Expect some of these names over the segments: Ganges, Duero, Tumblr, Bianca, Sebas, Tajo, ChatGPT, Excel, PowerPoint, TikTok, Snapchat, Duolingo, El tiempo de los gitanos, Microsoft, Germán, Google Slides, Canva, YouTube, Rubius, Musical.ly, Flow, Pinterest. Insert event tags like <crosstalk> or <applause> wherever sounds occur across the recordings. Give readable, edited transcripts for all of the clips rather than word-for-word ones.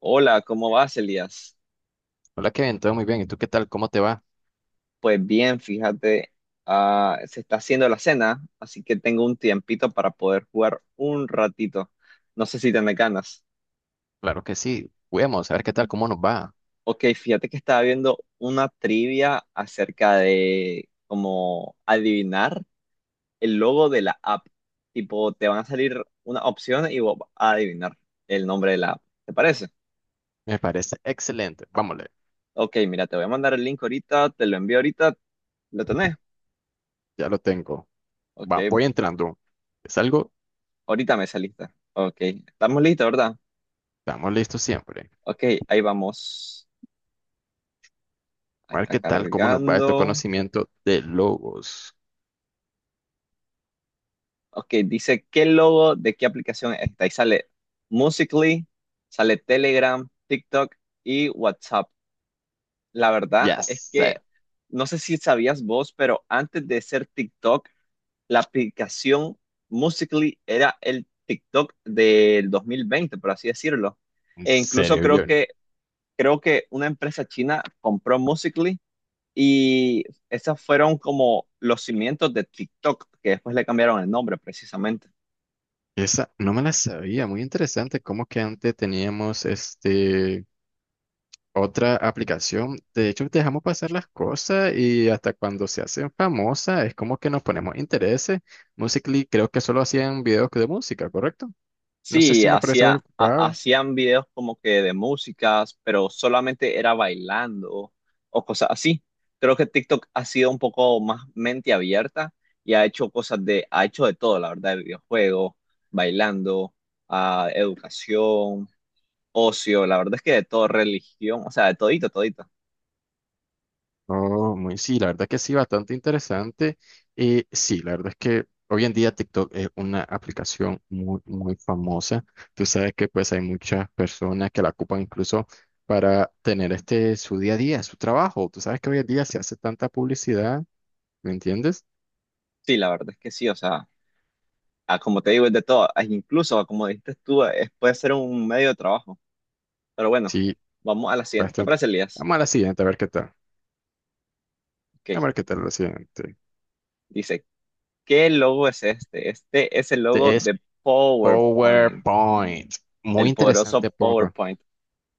Hola, ¿cómo vas, Elías? Hola Kevin, todo muy bien. ¿Y tú qué tal? ¿Cómo te va? Pues bien, fíjate, se está haciendo la cena, así que tengo un tiempito para poder jugar un ratito. No sé si te me ganas. Claro que sí. Vamos a ver qué tal, cómo nos va. Ok, fíjate que estaba viendo una trivia acerca de cómo adivinar el logo de la app. Tipo, te van a salir una opción y vos vas a adivinar el nombre de la app. ¿Te parece? Me parece excelente. Vámonos, Ok, mira, te voy a mandar el link ahorita, te lo envío ahorita, ¿lo tenés? ya lo tengo. Ok, Va, voy entrando. Es algo, ahorita me saliste. Ok, estamos listos, ¿verdad? estamos listos siempre. Ok, ahí vamos. Ahí A ver está qué tal, cómo nos va este cargando. conocimiento de logos. Ok, dice, ¿qué logo de qué aplicación es esta? Y sale Musical.ly, sale Telegram, TikTok y WhatsApp. La verdad Ya es sé, que no sé si sabías vos, pero antes de ser TikTok, la aplicación Musical.ly era el TikTok del 2020, por así decirlo. en E incluso serio, yo. Creo que una empresa china compró Musical.ly, y esos fueron como los cimientos de TikTok, que después le cambiaron el nombre precisamente. Esa no me la sabía. Muy interesante cómo que antes teníamos este otra aplicación. De hecho, dejamos pasar las cosas y hasta cuando se hacen famosas es como que nos ponemos intereses. Musical.ly creo que solo hacían videos de música, ¿correcto? No sé Sí, si me parece preocupado. hacían videos como que de músicas, pero solamente era bailando o cosas así. Creo que TikTok ha sido un poco más mente abierta y ha hecho ha hecho de todo, la verdad: videojuegos, bailando, educación, ocio, la verdad es que de todo, religión, o sea, de todito, todito. Oh, muy sí, la verdad que sí, bastante interesante. Y sí, la verdad es que hoy en día TikTok es una aplicación muy, muy famosa. Tú sabes que pues hay muchas personas que la ocupan incluso para tener este su día a día, su trabajo. Tú sabes que hoy en día se hace tanta publicidad, ¿me entiendes? Sí, la verdad es que sí, o sea, como te digo, es de todo. Ah, incluso, como dijiste tú, puede ser un medio de trabajo. Pero bueno, Sí, vamos a la siguiente. ¿Te bastante. parece, Elías? Vamos a la siguiente, a ver qué tal. Ok. A ver qué tal la siguiente. Dice, ¿qué logo es este? Este es el logo Este es de PowerPoint, PowerPoint. Muy el poderoso interesante, PowerPoint. PowerPoint.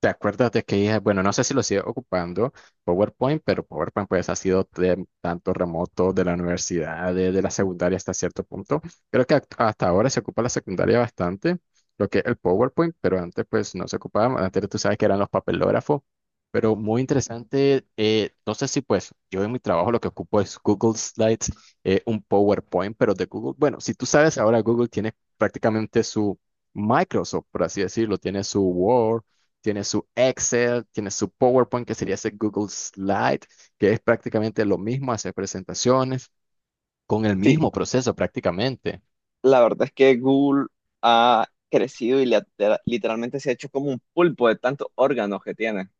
¿Te acuerdas de que dije, bueno, no sé si lo sigue ocupando PowerPoint, pero PowerPoint pues ha sido de tanto remoto de la universidad, de la secundaria hasta cierto punto? Creo que hasta ahora se ocupa la secundaria bastante, lo que es el PowerPoint, pero antes pues no se ocupaba, antes tú sabes que eran los papelógrafos, pero muy interesante. No sé si pues yo en mi trabajo lo que ocupo es Google Slides, un PowerPoint, pero de Google. Bueno, si tú sabes ahora Google tiene prácticamente su... Microsoft, por así decirlo, tiene su Word, tiene su Excel, tiene su PowerPoint, que sería ese Google Slide, que es prácticamente lo mismo, hacer presentaciones con el Sí, mismo proceso prácticamente. la verdad es que Google ha crecido y le literalmente se ha hecho como un pulpo de tantos órganos que tiene.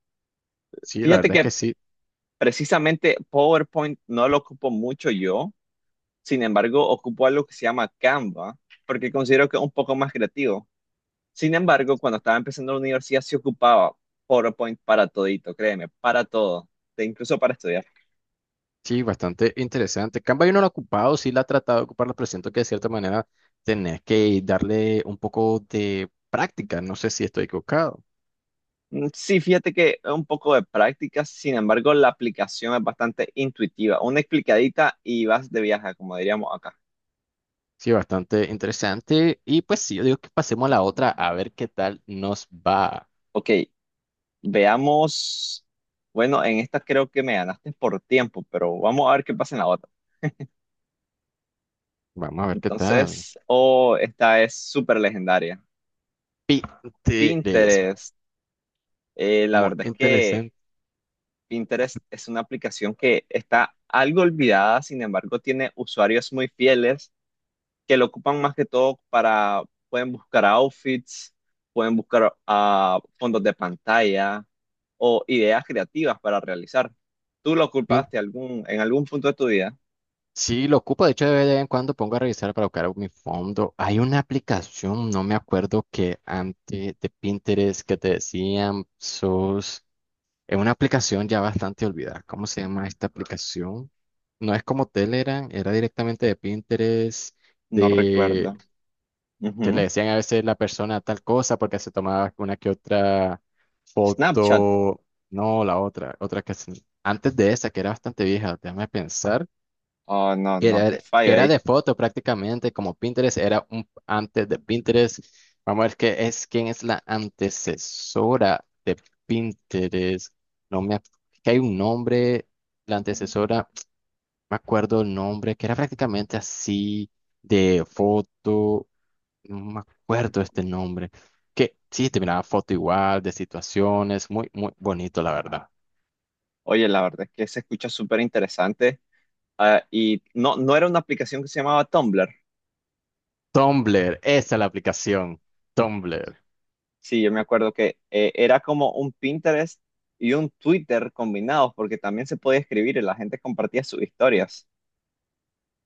Sí, la Fíjate verdad es que que sí, precisamente PowerPoint no lo ocupo mucho yo. Sin embargo, ocupo algo que se llama Canva, porque considero que es un poco más creativo. Sin embargo, cuando estaba empezando la universidad, sí ocupaba PowerPoint para todito, créeme, para todo, e incluso para estudiar. sí, bastante interesante. Canva yo no lo he ocupado, sí la he tratado de ocupar, pero siento que de cierta manera tenés que darle un poco de práctica, no sé si estoy equivocado. Mm, sí, fíjate que es un poco de práctica, sin embargo, la aplicación es bastante intuitiva. Una explicadita y vas de viaje, como diríamos acá. Sí, bastante interesante. Y pues sí, yo digo que pasemos a la otra a ver qué tal nos va. Ok, veamos. Bueno, en esta creo que me ganaste por tiempo, pero vamos a ver qué pasa en la otra. Vamos a ver qué tal. Entonces, oh, esta es súper legendaria. Pinterest, Pinterest. La muy verdad es que interesante. Pinterest es una aplicación que está algo olvidada, sin embargo, tiene usuarios muy fieles que lo ocupan más que todo para, pueden buscar outfits, pueden buscar fondos de pantalla o ideas creativas para realizar. ¿Tú lo ocupaste algún, en algún punto de tu vida? Sí, lo ocupo. De hecho, de vez en cuando pongo a revisar para buscar mi fondo. Hay una aplicación, no me acuerdo, que antes de Pinterest que te decían sos. Es una aplicación ya bastante olvidada. ¿Cómo se llama esta aplicación? No es como Telegram, era directamente de Pinterest, No de recuerdo. que le Ujú. decían a veces la persona tal cosa porque se tomaba una que otra Snapchat. foto. No, la otra, antes de esa, que era bastante vieja, déjame pensar, Oh, no, que no, te era, que fallo. era de foto prácticamente, como Pinterest, era un antes de Pinterest. Vamos a ver qué es, quién es la antecesora de Pinterest. No me, ac- Que hay un nombre, la antecesora, <tsk> me acuerdo el nombre, que era prácticamente así de foto, no me acuerdo este nombre. Que sí, te miraba foto igual, de situaciones, muy, muy bonito, la verdad. Oye, la verdad es que se escucha súper interesante. Ah, y no, no era una aplicación que se llamaba Tumblr. Tumblr, esa es la aplicación, Tumblr. Sí, yo me acuerdo que era como un Pinterest y un Twitter combinados, porque también se podía escribir y la gente compartía sus historias.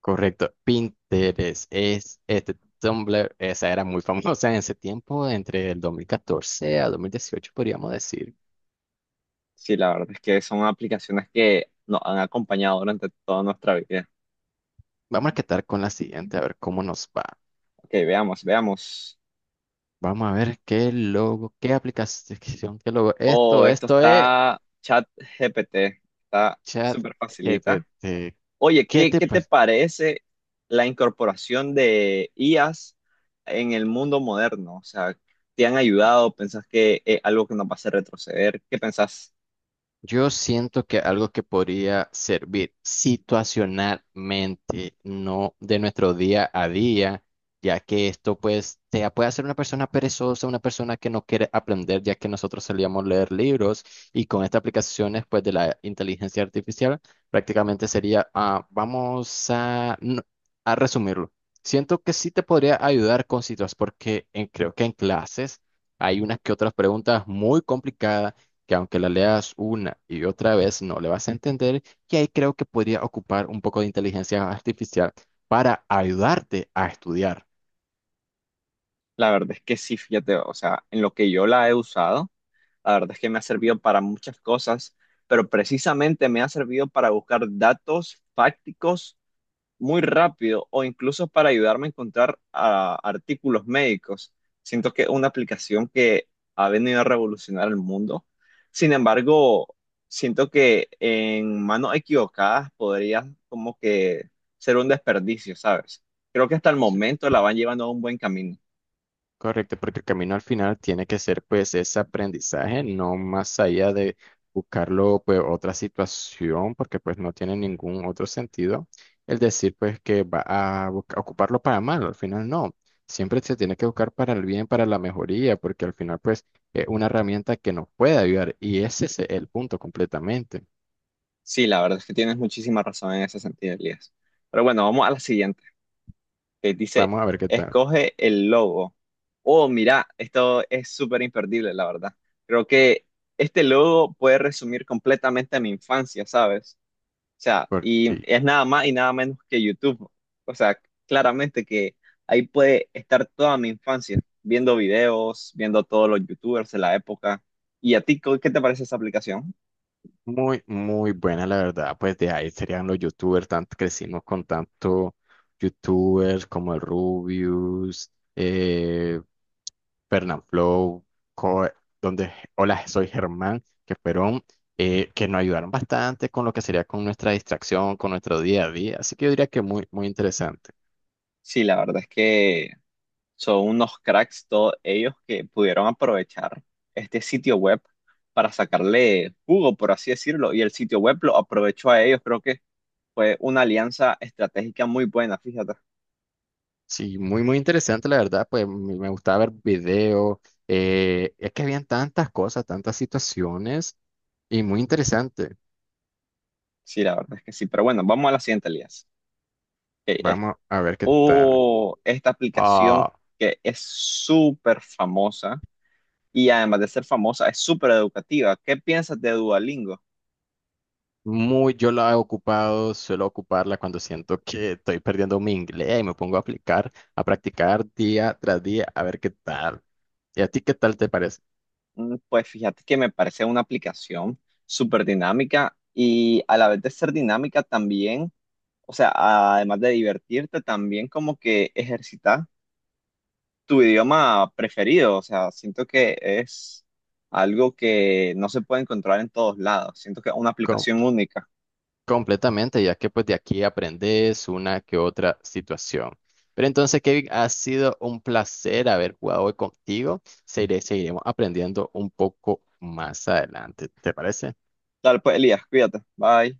Correcto, Pinterest es este Tumblr, esa era muy famosa en ese tiempo, entre el 2014 a 2018 podríamos decir. Sí, la verdad es que son aplicaciones que nos han acompañado durante toda nuestra vida. Vamos a quedar con la siguiente, a ver cómo nos va. Ok, veamos, veamos. Vamos a ver qué logo, qué aplicación, qué logo. Oh, Esto, esto esto es está chat GPT, Está súper facilita. ChatGPT. Oye, ¿Qué te... ¿qué te parece la incorporación de IAs en el mundo moderno? O sea, ¿te han ayudado? ¿Pensás que es algo que nos va a hacer retroceder? ¿Qué pensás? Yo siento que algo que podría servir situacionalmente, no de nuestro día a día, ya que esto pues te puede hacer una persona perezosa, una persona que no quiere aprender, ya que nosotros solíamos leer libros y con estas aplicaciones pues de la inteligencia artificial prácticamente sería, vamos a, a resumirlo. Siento que sí te podría ayudar con situaciones porque creo que en clases hay unas que otras preguntas muy complicadas que aunque la leas una y otra vez no le vas a entender, y ahí creo que podría ocupar un poco de inteligencia artificial para ayudarte a estudiar. La verdad es que sí, fíjate, o sea, en lo que yo la he usado, la verdad es que me ha servido para muchas cosas, pero precisamente me ha servido para buscar datos fácticos muy rápido o incluso para ayudarme a encontrar artículos médicos. Siento que es una aplicación que ha venido a revolucionar el mundo. Sin embargo, siento que en manos equivocadas podría como que ser un desperdicio, ¿sabes? Creo que hasta el momento la van llevando a un buen camino. Correcto, porque el camino al final tiene que ser pues ese aprendizaje, no más allá de buscarlo pues otra situación, porque pues no tiene ningún otro sentido el decir pues que va a ocuparlo para mal, al final no, siempre se tiene que buscar para el bien, para la mejoría, porque al final pues es una herramienta que nos puede ayudar y ese es el punto completamente. Sí, la verdad es que tienes muchísima razón en ese sentido, Elías. Pero bueno, vamos a la siguiente, que dice, Vamos a ver qué tal, escoge el logo. Oh, mira, esto es súper imperdible, la verdad. Creo que este logo puede resumir completamente mi infancia, ¿sabes? O sea, por y sí. es nada más y nada menos que YouTube. O sea, claramente que ahí puede estar toda mi infancia, viendo videos, viendo todos los YouTubers de la época. ¿Y a ti, qué te parece esa aplicación? Muy, muy buena, la verdad. Pues de ahí serían los youtubers, tanto crecimos con tanto youtubers como el Rubius, eh, Flow, donde Hola, soy Germán, que fueron, que nos ayudaron bastante con lo que sería con nuestra distracción, con nuestro día a día. Así que yo diría que muy, muy interesante. Sí, la verdad es que son unos cracks todos ellos que pudieron aprovechar este sitio web para sacarle jugo, por así decirlo, y el sitio web lo aprovechó a ellos. Creo que fue una alianza estratégica muy buena, fíjate. Sí, muy, muy interesante, la verdad. Pues me gustaba ver videos. Es que habían tantas cosas, tantas situaciones y muy interesante. Sí, la verdad es que sí. Pero bueno, vamos a la siguiente alianza, que es, Vamos a ver qué tal. oh, esta aplicación Ah, que es súper famosa y, además de ser famosa, es súper educativa. ¿Qué piensas de Duolingo? muy, yo la he ocupado, suelo ocuparla cuando siento que estoy perdiendo mi inglés y me pongo a aplicar, a practicar día tras día, a ver qué tal. ¿Y a ti qué tal te parece? Mm, pues fíjate que me parece una aplicación súper dinámica y, a la vez de ser dinámica también, o sea, además de divertirte, también como que ejercitas tu idioma preferido, o sea, siento que es algo que no se puede encontrar en todos lados, siento que es una aplicación Com- única. Completamente, ya que pues de aquí aprendes una que otra situación. Pero entonces, Kevin, ha sido un placer haber jugado hoy contigo. Seguiremos aprendiendo un poco más adelante. ¿Te parece? Dale, pues Elías, cuídate, bye.